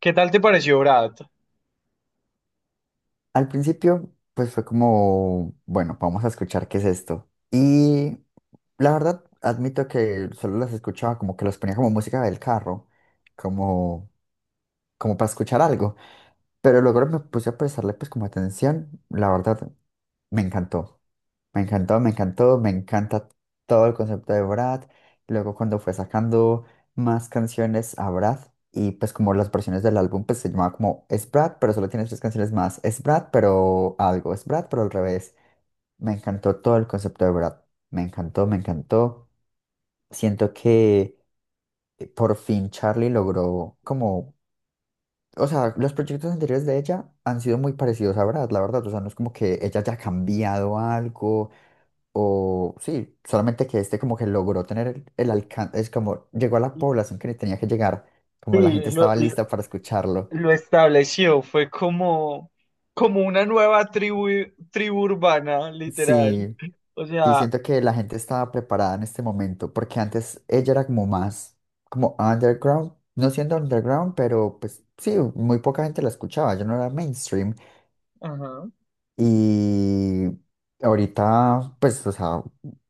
¿Qué tal te pareció Brad? Al principio, pues fue como, bueno, vamos a escuchar qué es esto. Y la verdad, admito que solo las escuchaba como que las ponía como música del carro, como, como para escuchar algo. Pero luego me puse a prestarle pues como atención. La verdad, me encantó. Me encantó, me encantó, me encanta todo el concepto de Brad. Luego cuando fue sacando más canciones a Brad y pues como las versiones del álbum pues se llamaba como Es Brad, pero solo tiene tres canciones más. Es Brad, pero algo. Es Brad, pero al revés. Me encantó todo el concepto de Brad. Me encantó, me encantó. Siento que por fin Charlie logró como... O sea, los proyectos anteriores de ella han sido muy parecidos a Brad, la verdad. O sea, no es como que ella haya cambiado algo o sí, solamente que este como que logró tener el Lo- alcance, es como llegó a la población que le tenía que llegar, Sí, como la gente lo, estaba lo- lista para escucharlo. lo estableció, fue como, como una nueva tribu, tribu urbana, literal. Sí, O sí, sea, siento que la gente estaba preparada en este momento, porque antes ella era como más, como underground, no siendo underground, pero pues sí, muy poca gente la escuchaba, yo no era mainstream. ajá. Y ahorita, pues, o sea,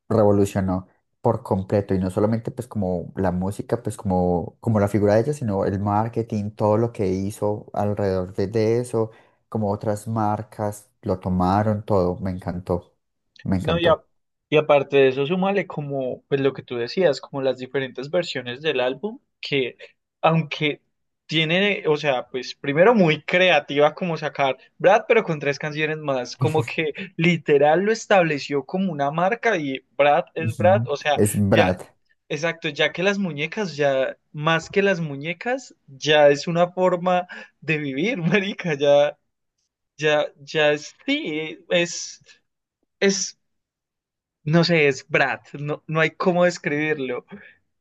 revolucionó por completo y no solamente pues como la música, pues como, como la figura de ella, sino el marketing, todo lo que hizo alrededor de eso, como otras marcas lo tomaron, todo, me encantó, me No, y, a- encantó. y aparte de eso, súmale como, pues lo que tú decías, como las diferentes versiones del álbum, que aunque tiene, o sea, pues primero muy creativa como sacar Brad, pero con tres canciones más, como que literal lo estableció como una marca y Brad es Brad, Ujú. o sea, Es ya, Brad, exacto, ya que las muñecas, ya más que las muñecas, ya es una forma de vivir, marica, ya, ya, ya es, sí, es... Es no sé, es Brad, no, no hay cómo describirlo.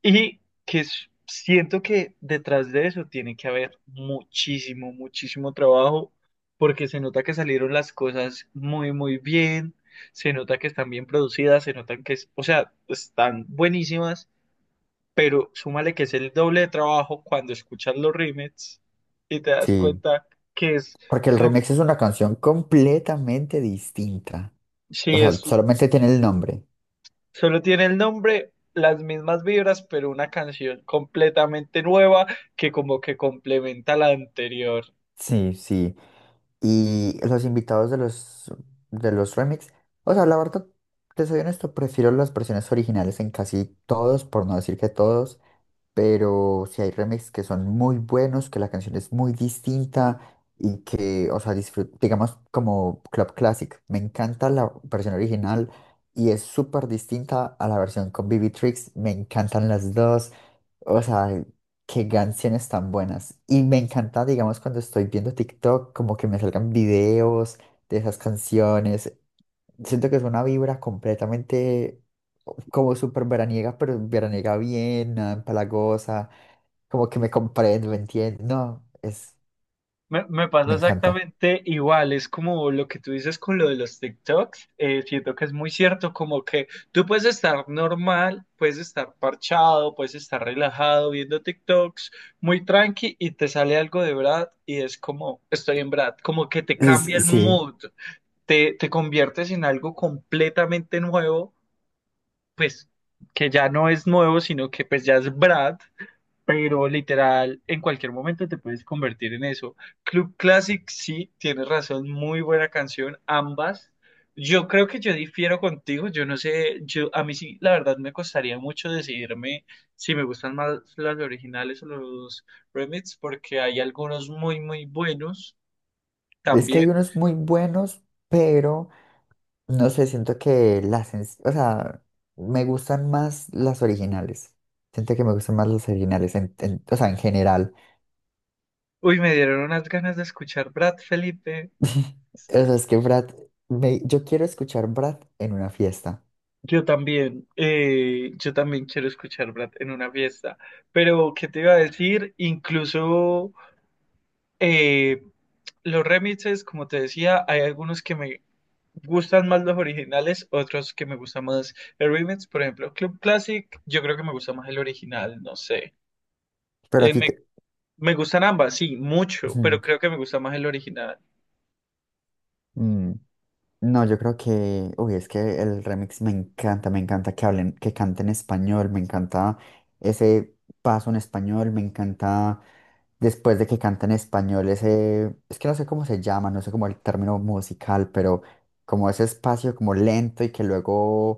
Y siento que detrás de eso tiene que haber muchísimo, muchísimo trabajo, porque se nota que salieron las cosas muy, muy bien, se nota que están bien producidas, se notan que, o sea, están buenísimas, pero súmale que es el doble de trabajo cuando escuchas los remixes y te das sí, cuenta que es, porque el son, remix es una canción completamente distinta, o sí, sea, es solamente tiene el nombre. solo tiene el nombre, las mismas vibras, pero una canción completamente nueva que como que complementa la anterior. Sí, sí. Y los invitados de los remix, o sea, la verdad, te soy honesto, prefiero las versiones originales en casi todos, por no decir que todos, pero si hay remixes que son muy buenos, que la canción es muy distinta y que, o sea, digamos como Club Classic, me encanta la versión original y es súper distinta a la versión con BB Tricks, me encantan las dos, o sea, qué canciones tan buenas. Y me encanta, digamos, cuando estoy viendo TikTok, como que me salgan videos de esas canciones. Siento que es una vibra completamente como súper veraniega, pero veraniega bien, nada empalagosa, como que me comprendo, me entiende. No, es, Me pasa me encanta. exactamente igual, es como lo que tú dices con lo de los TikToks, siento que es muy cierto, como que tú puedes estar normal, puedes estar parchado, puedes estar relajado viendo TikToks, muy tranqui y te sale algo de Brad y es como, estoy en Brad, como que te cambia el Sí, mood, te conviertes en algo completamente nuevo pues que ya no es nuevo, sino que pues ya es Brad, pero literal en cualquier momento te puedes convertir en eso. Club Classic, sí, tienes razón, muy buena canción, ambas. Yo creo que yo difiero contigo, yo no sé, yo a mí sí, la verdad me costaría mucho decidirme si me gustan más las originales o los remix, porque hay algunos muy, muy buenos es que hay también. unos muy buenos, pero no sé, siento que las, o sea, me gustan más las originales. Siento que me gustan más las originales, o sea, en general. Uy, me dieron unas ganas de escuchar Brad Felipe. O sea, es que Brad, yo quiero escuchar Brad en una fiesta, Yo también quiero escuchar Brad en una fiesta, pero ¿qué te iba a decir? Incluso eh, los remixes, como te decía, hay algunos que me gustan más los originales, otros que me gustan más el remix, por ejemplo, Club Classic, yo creo que me gusta más el original, no sé. pero a Eh, ti me, te... me gustan ambas, sí, mucho, pero creo que me gusta más el original. No, yo creo que, uy, es que el remix me encanta que hablen, que canten español, me encanta ese paso en español, me encanta después de que canten español ese, es que no sé cómo se llama, no sé cómo el término musical, pero como ese espacio como lento y que luego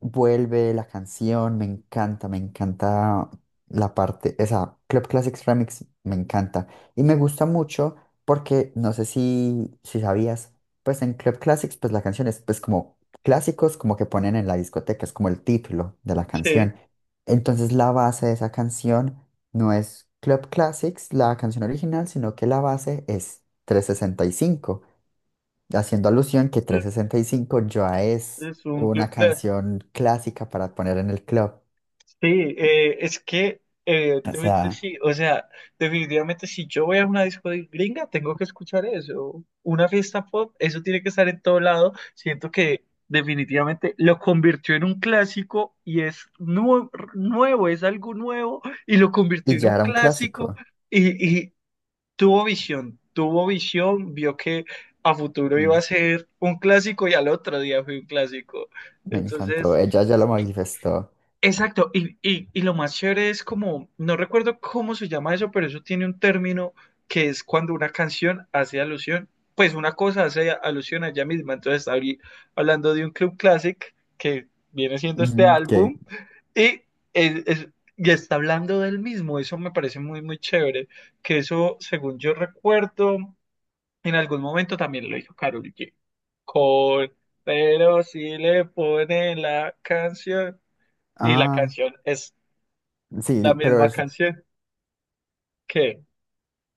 vuelve la canción, me encanta la parte, esa Club Classics Remix, me encanta. Y me gusta mucho porque no sé si, si sabías, pues en Club Classics, pues la canción es pues como clásicos, como que ponen en la discoteca, es como el título de la Sí, canción. Entonces la base de esa canción no es Club Classics, la canción original, sino que la base es trescientos sesenta y cinco, haciendo alusión que es trescientos sesenta y cinco ya es es un una Club Classic. canción clásica para poner en el club. Sí, es que O evidentemente sea, sí, o sea, definitivamente si yo voy a una disco de gringa, tengo que escuchar eso. Una fiesta pop, eso tiene que estar en todo lado. Siento que definitivamente lo convirtió en un clásico y es nuevo, es algo nuevo y lo convirtió y en un ya era un clásico clásico. y tuvo visión, vio que a futuro iba Mm. a ser un clásico y al otro día fue un clásico. Me encantó, Entonces... ella ya lo manifestó. Exacto, y lo más chévere es como, no recuerdo cómo se llama eso, pero eso tiene un término que es cuando una canción hace alusión, pues una cosa hace alusión a ella misma, entonces abrí hablando de un club classic que viene siendo este Ujú, que- álbum y, es- es- y está hablando del mismo, eso me parece muy, muy chévere, que eso, según yo recuerdo, en algún momento también lo hizo Karol G, con, pero si le ponen la canción. Y la Ah, canción es la sí, misma canción. ¿Qué?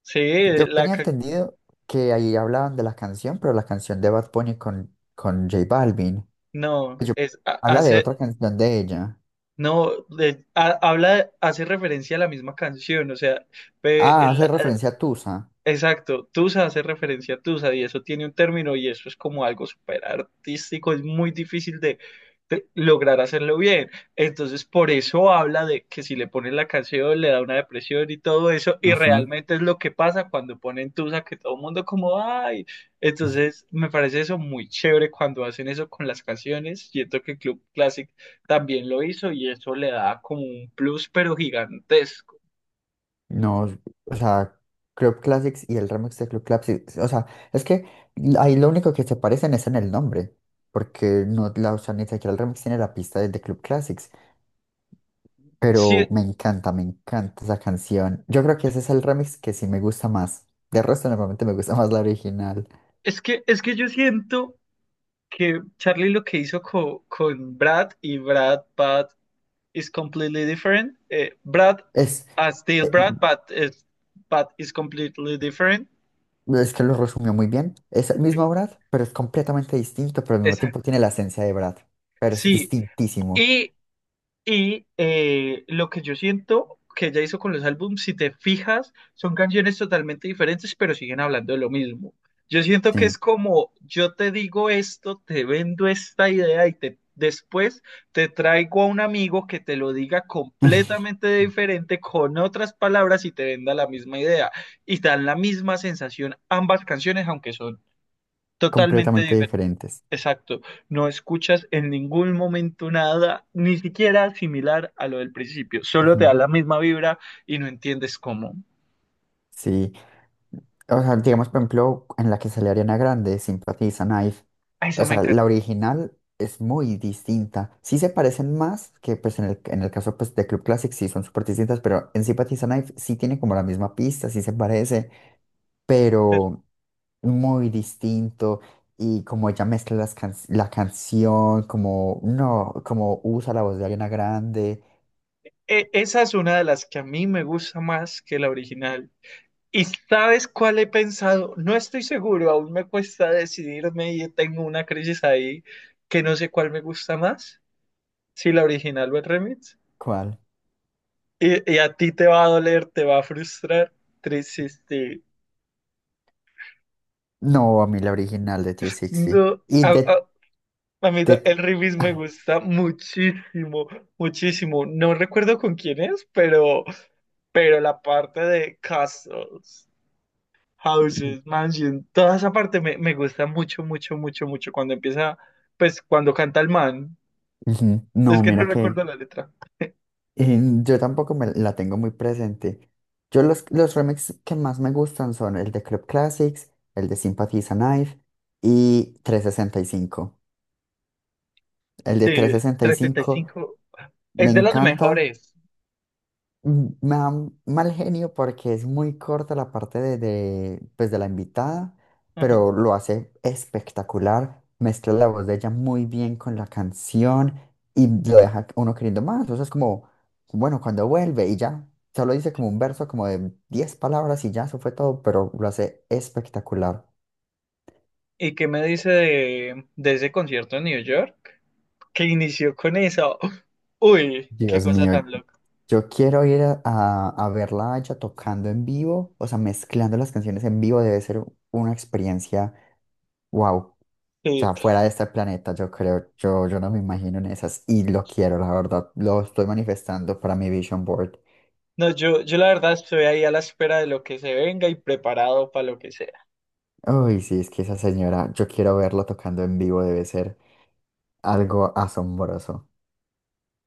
Sí, yo la tenía ca- entendido que ahí hablaban de la canción, pero la canción de Bad Bunny con J Balvin. no, Yo- Habla de hace otra canción de ella. no habla hace referencia a la misma canción, o sea, ve. Ah, hace referencia a Tusa. Exacto, Tusa hace referencia a Tusa y eso tiene un término y eso es como algo súper artístico, es muy difícil de lograr hacerlo bien. Entonces, por eso habla de que si le ponen la canción le da una depresión y todo eso, y realmente es lo que pasa cuando ponen Tusa, que todo el mundo como, ay, entonces me parece eso muy chévere cuando hacen eso con las canciones. Siento que Club Classic también lo hizo y eso le da como un plus, pero gigantesco. No, o sea, Club Classics y el remix de Club Classics, o sea, es que ahí lo único que se parecen es en el nombre, porque no, la, o sea, ni siquiera el remix tiene la pista de Club Classics, Sí, pero me encanta esa canción. Yo creo que ese es el remix que sí me gusta más. De resto, normalmente me gusta más la original. es que yo siento... que Charlie lo que hizo con Brad y Brad But is completely different. Brad Es, as still eh, Brad, but is completely different. es que lo resumió muy bien. Es el Sí. mismo Brad, pero es completamente distinto, pero al mismo tiempo Exacto. tiene la esencia de Brad, pero es Sí. distintísimo. Y lo que yo siento que ella hizo con los álbumes, si te fijas, son canciones totalmente diferentes, pero siguen hablando de lo mismo. Yo siento que es Sí. como, yo te digo esto, te vendo esta idea y te, después te traigo a un amigo que te lo diga completamente diferente, con otras palabras y te venda la misma idea. Y dan la misma sensación ambas canciones, aunque son totalmente Completamente diferentes. diferentes. Exacto, no escuchas en ningún momento nada, ni siquiera similar a lo del principio, solo te Ujú. da la misma vibra y no entiendes cómo. Sí, o sea, digamos, por ejemplo, en la que sale Ariana Grande, Sympathy is a Knife, Ah, o esa me sea, la encanta. original es muy distinta. Sí se parecen más que, pues, en en el caso, pues, de Club Classic, sí son súper distintas, pero en Sympathy is a Knife sí tiene como la misma pista, sí se parece, pero muy distinto. Y como ella mezcla las la canción, como, no, como usa la voz de Ariana Grande, Esa es una de las que a mí me gusta más que la original. ¿Y sabes cuál he pensado? No estoy seguro, aún me cuesta decidirme y tengo una crisis ahí que no sé cuál me gusta más, si la original o el remix. ¿cuál? Y a ti te va a doler, te va a frustrar, triste. No, a mí la original de 360. No, Y de, a mí el remix me gusta muchísimo, muchísimo. No recuerdo con quién es, pero la parte de castles, houses, mansion, toda esa parte me gusta mucho, mucho, mucho, mucho. Cuando empieza, pues cuando canta el man, Ujú. es No, que no mira recuerdo que la letra. Yo tampoco me la tengo muy presente. Yo los remixes que más me gustan son el de Club Classics, el de Sympathy is a Knife y 365. El de Sí, trescientos sesenta y trescientos setenta y cinco cinco me es de los encanta. mejores. Mm, me da mal genio porque es muy corta la parte de, pues de la invitada, Ajá. pero lo hace espectacular. Mezcla la voz de ella muy bien con la canción y lo deja uno queriendo más. O sea, es como, bueno, cuando vuelve y ya, solo dice como un verso como de 10 palabras y ya, eso fue todo, pero lo hace espectacular. ¿Y qué me dice de ese concierto en New York? Que inició con eso. Uy, qué Dios cosa mío, tan loca. yo quiero ir a, a verla a ella tocando en vivo, o sea, mezclando las canciones en vivo debe ser una experiencia, wow. O Sí. sea, fuera de este planeta, yo creo, yo no me imagino en esas y lo quiero, la verdad, lo estoy manifestando para mi vision board. No, yo la verdad estoy ahí a la espera de lo que se venga y preparado para lo que sea. Uy, sí, es que esa señora, yo quiero verla tocando en vivo, debe ser algo asombroso.